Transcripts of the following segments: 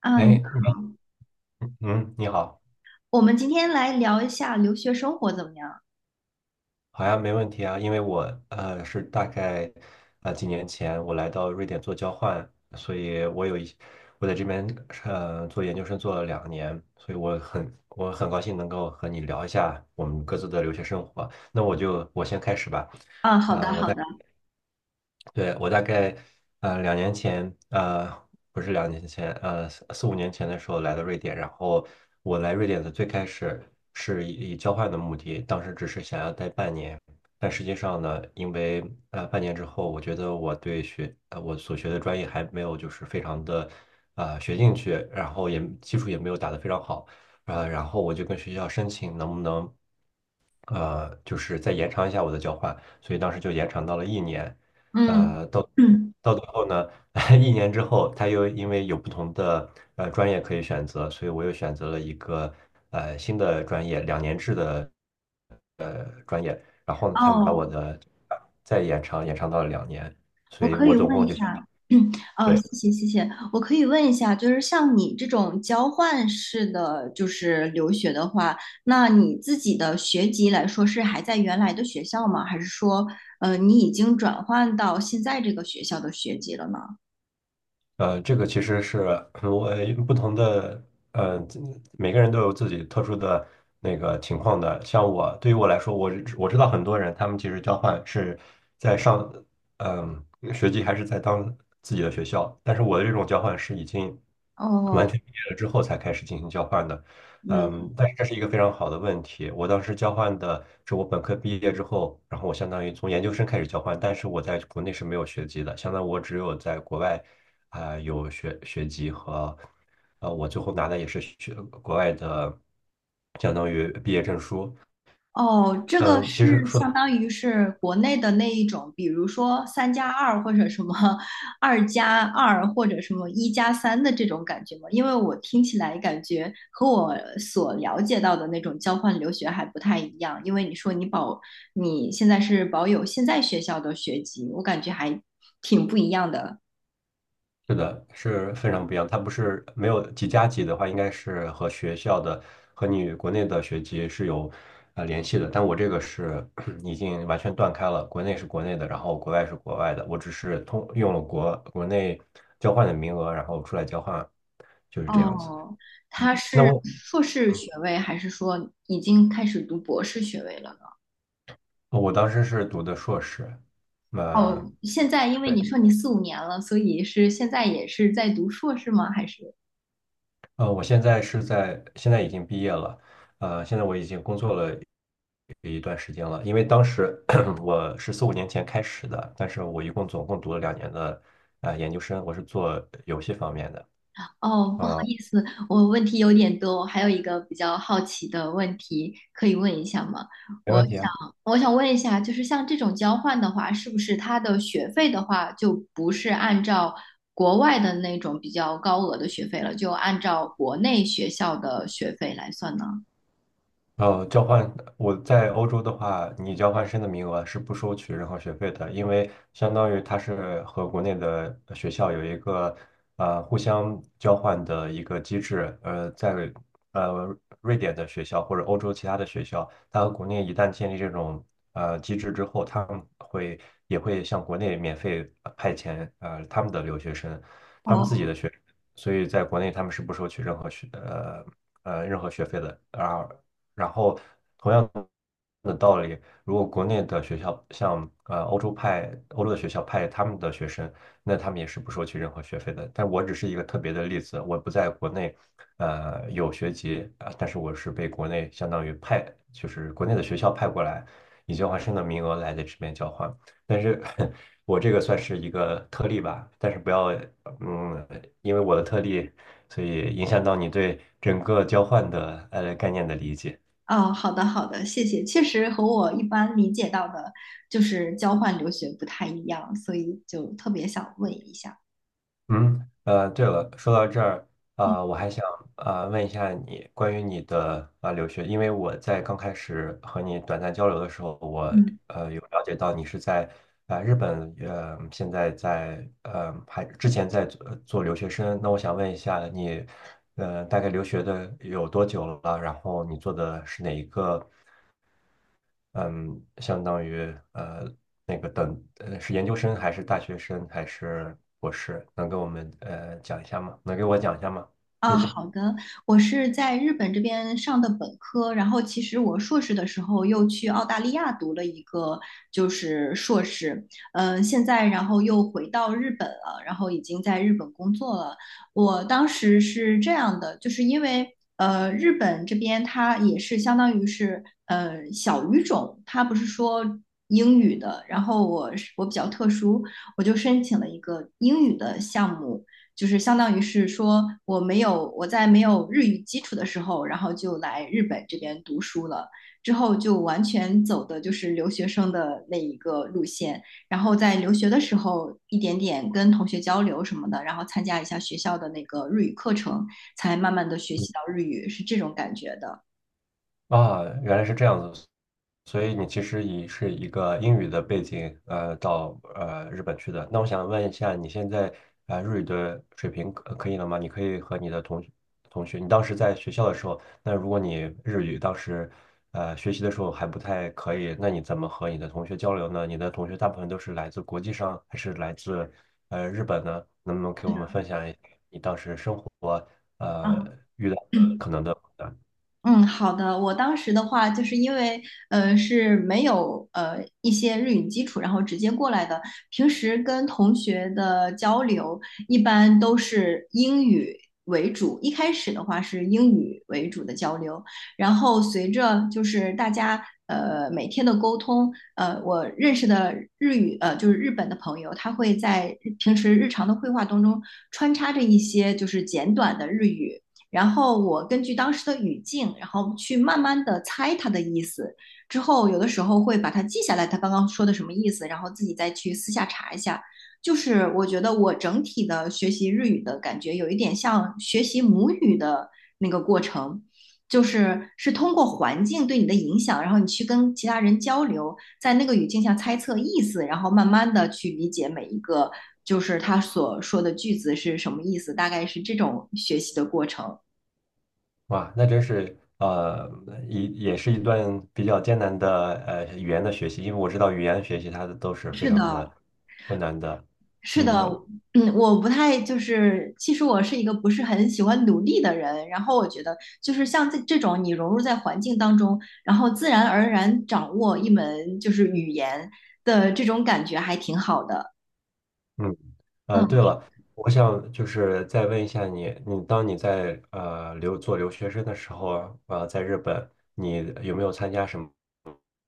啊，哎，你好，嗯，你好。我们今天来聊一下留学生活怎么样？好呀，没问题啊，因为我是大概几年前我来到瑞典做交换，所以我有一我在这边做研究生做了两年，所以我很高兴能够和你聊一下我们各自的留学生活。那我先开始吧。啊，好的，啊，我好的。对，我大概两年前，不是两年前，四五年前的时候来到瑞典，然后我来瑞典的最开始是以交换的目的，当时只是想要待半年。但实际上呢，因为半年之后，我觉得我所学的专业还没有就是非常的学进去，然后也基础也没有打得非常好。然后我就跟学校申请能不能就是再延长一下我的交换，所以当时就延长到了一年。嗯嗯。到最后呢，一年之后，他又因为有不同的专业可以选择，所以我又选择了一个新的专业，2年制的。然后呢他们把哦，我的再延长到了两年，所我以可我以总问共一就想。下，嗯，哦，对。谢谢谢谢，我可以问一下，就是像你这种交换式的就是留学的话，那你自己的学籍来说是还在原来的学校吗？还是说，你已经转换到现在这个学校的学籍了呢？这个其实是我不同的，呃，每个人都有自己特殊的那个情况的。像我，对于我来说，我知道很多人，他们其实交换是在上，嗯、学籍还是在当自己的学校，但是我的这种交换是已经完哦。全毕业了之后才开始进行交换的。嗯。嗯，但是这是一个非常好的问题。我当时交换的是我本科毕业之后，然后我相当于从研究生开始交换，但是我在国内是没有学籍的，相当于我只有在国外。有学籍和，我最后拿的也是国外的，相当于毕业证书。哦，这个嗯，其实是说的相当于是国内的那一种，比如说三加二或者什么二加二或者什么一加三的这种感觉吗？因为我听起来感觉和我所了解到的那种交换留学还不太一样。因为你说你保，你现在是保有现在学校的学籍，我感觉还挺不一样的。是的，是非常不一样。它不是没有几加几的话，应该是和学校的和你国内的学籍是有联系的。但我这个是 已经完全断开了，国内是国内的，然后国外是国外的。我只是通用了国内交换的名额，然后出来交换，就是这样子。哦，嗯，他那是我硕士学位还是说已经开始读博士学位了？我当时是读的硕士。哦，嗯，现在因为对，你说你四五年了，所以是现在也是在读硕士吗？还是？我现在是在，现在已经毕业了。现在我已经工作了一段时间了，因为当时 我是四五年前开始的，但是我一共总共读了两年的研究生，我是做游戏方面的。哦，不好啊。意思，我问题有点多，我还有一个比较好奇的问题可以问一下吗？没我问题啊。想，我想问一下，就是像这种交换的话，是不是它的学费的话，就不是按照国外的那种比较高额的学费了，就按照国内学校的学费来算呢？交换我在欧洲的话，你交换生的名额是不收取任何学费的，因为相当于它是和国内的学校有一个互相交换的一个机制。在瑞典的学校或者欧洲其他的学校，它和国内一旦建立这种机制之后，他们也会向国内免费派遣他们的留学生，他们自己哦。的学生，所以在国内他们是不收取任何学费的。啊。然后同样的道理，如果国内的学校像欧洲的学校派他们的学生，那他们也是不收取任何学费的。但我只是一个特别的例子，我不在国内有学籍啊，但是我是被国内相当于派，就是国内的学校派过来，以交换生的名额来在这边交换。但是 我这个算是一个特例吧，但是不要嗯，因为我的特例，所以影响到你对整个交换的概念的理解。哦，好的好的，谢谢。确实和我一般理解到的，就是交换留学不太一样，所以就特别想问一下。嗯，对了，说到这儿，嗯。我还想问一下你关于你的留学，因为我在刚开始和你短暂交流的时候，我嗯。有了解到你是在日本，现在在还之前在做留学生，那我想问一下你，大概留学的有多久了？然后你做的是哪一个嗯，相当于那个是研究生还是大学生还是博士？能给我们讲一下吗？能给我讲一下吗？谢啊，谢。好的，我是在日本这边上的本科，然后其实我硕士的时候又去澳大利亚读了一个就是硕士。嗯、现在然后又回到日本了，然后已经在日本工作了。我当时是这样的，就是因为日本这边它也是相当于是小语种，它不是说英语的，然后我比较特殊，我就申请了一个英语的项目。就是相当于是说我在没有日语基础的时候，然后就来日本这边读书了，之后就完全走的就是留学生的那一个路线，然后在留学的时候一点点跟同学交流什么的，然后参加一下学校的那个日语课程，才慢慢的学习到日语，是这种感觉的。啊，原来是这样子，所以你其实以是一个英语的背景，到日本去的。那我想问一下，你现在日语的水平可以了吗？你可以和你的同学，你当时在学校的时候，那如果你日语当时学习的时候还不太可以，那你怎么和你的同学交流呢？你的同学大部分都是来自国际上，还是来自日本呢？能不能给是我们的。分享一下你当时生活呃啊，遇到的可能的？嗯，好的。我当时的话，就是因为是没有呃一些日语基础，然后直接过来的。平时跟同学的交流一般都是英语为主，一开始的话是英语为主的交流，然后随着就是大家每天的沟通，我认识的日语呃就是日本的朋友，他会在平时日常的绘画当中穿插着一些就是简短的日语。然后我根据当时的语境，然后去慢慢的猜它的意思。之后有的时候会把它记下来，他刚刚说的什么意思，然后自己再去私下查一下。就是我觉得我整体的学习日语的感觉有一点像学习母语的那个过程，就是是通过环境对你的影响，然后你去跟其他人交流，在那个语境下猜测意思，然后慢慢的去理解每一个就是他所说的句子是什么意思，大概是这种学习的过程。哇，那真是也是一段比较艰难的语言的学习，因为我知道语言学习它的都是非是常的的，困难的。是的。嗯嗯，我不太就是，其实我是一个不是很喜欢努力的人。然后我觉得，就是像这这种你融入在环境当中，然后自然而然掌握一门就是语言的这种感觉，还挺好的。嗯，对嗯。了，我想就是再问一下你，你在做留学生的时候，在日本，你有没有参加什么？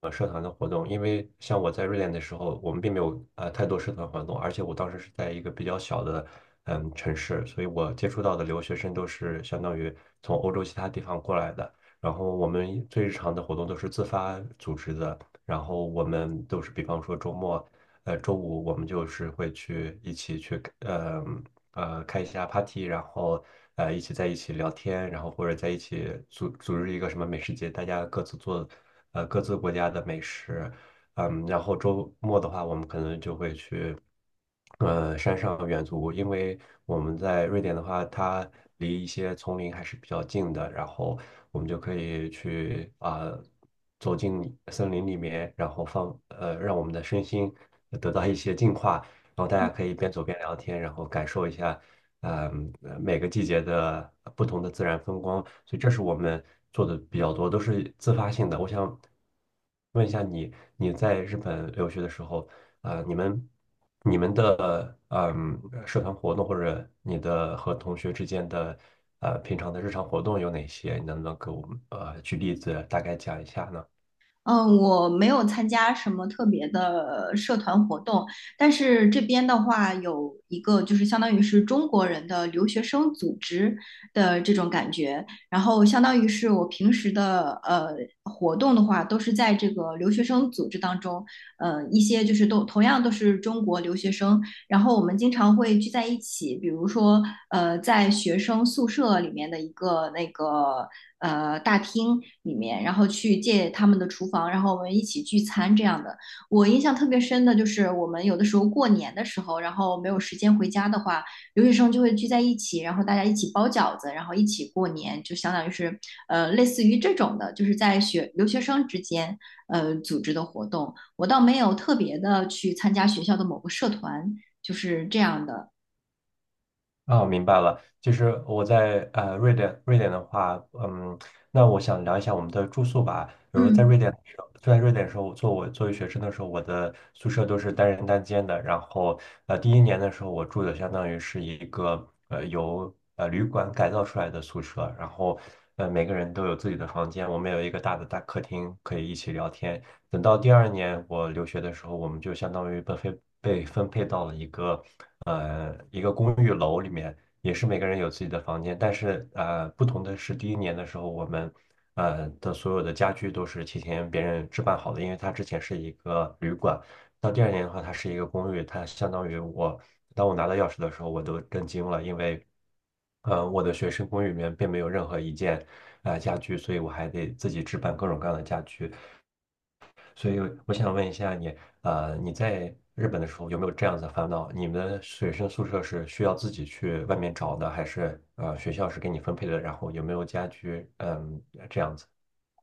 社团的活动，因为像我在瑞典的时候，我们并没有太多社团活动，而且我当时是在一个比较小的城市，所以我接触到的留学生都是相当于从欧洲其他地方过来的。然后我们最日常的活动都是自发组织的，然后我们都是比方说周末，周五我们就是会一起去开一下 party,然后呃一起在一起聊天，然后或者在一起组织一个什么美食节，大家各自做各自国家的美食。然后周末的话，我们可能就会去山上远足，因为我们在瑞典的话，它离一些丛林还是比较近的，然后我们就可以去走进森林里面，然后让我们的身心得到一些净化。然后大家可以边走边聊天，然后感受一下，每个季节的不同的自然风光。所以这是我们做的比较多，都是自发性的。我想问一下你，你在日本留学的时候，啊、你们你们的社团活动或者你的和同学之间的平常的日常活动有哪些？你能不能给我们举例子，大概讲一下呢？嗯，我没有参加什么特别的社团活动，但是这边的话有一个就是相当于是中国人的留学生组织的这种感觉，然后相当于是我平时的活动的话，都是在这个留学生组织当中，一些就是都同样都是中国留学生，然后我们经常会聚在一起，比如说在学生宿舍里面的一个那个。大厅里面，然后去借他们的厨房，然后我们一起聚餐这样的。我印象特别深的就是我们有的时候过年的时候，然后没有时间回家的话，留学生就会聚在一起，然后大家一起包饺子，然后一起过年，就相当于是类似于这种的，就是在学留学生之间组织的活动。我倒没有特别的去参加学校的某个社团，就是这样的。哦，明白了。其实我在瑞典，的话，那我想聊一下我们的住宿吧。比如在嗯。瑞典的时候，在瑞典的时候，我作为学生的时候，我的宿舍都是单人单间的。然后第一年的时候，我住的相当于是一个由旅馆改造出来的宿舍，然后每个人都有自己的房间，我们有一个大的大客厅可以一起聊天。等到第二年我留学的时候，我们就相当于被分配到了一个一个公寓楼里面，也是每个人有自己的房间，但是不同的是，第一年的时候我们的所有的家具都是提前别人置办好的，因为它之前是一个旅馆，到第二年的话它是一个公寓，它相当于当我拿到钥匙的时候我都震惊了，因为我的学生公寓里面并没有任何一件家具，所以我还得自己置办各种各样的家具。所以我想问一下你，你在日本的时候有没有这样子的烦恼？你们的学生宿舍是需要自己去外面找的，还是学校是给你分配的？然后有没有家居？嗯，这样子。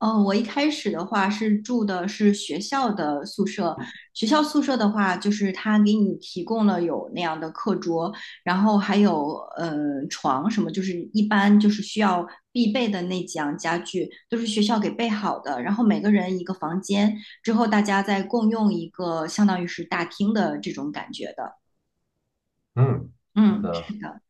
嗯，我一开始的话是住的是学校的宿舍，学校宿舍的话，就是他给你提供了有那样的课桌，然后还有床什么，就是一般就是需要必备的那几样家具都是学校给备好的，然后每个人一个房间，之后大家再共用一个相当于是大厅的这种感觉的。嗯，好嗯，是的，的。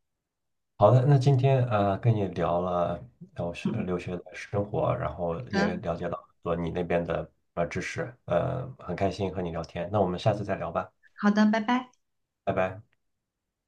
好的。那今天跟你聊了然后嗯，留学的生活，然后好也的，了解了很多你那边的知识，很开心和你聊天。那我们下次再聊吧，好的，拜拜。拜拜。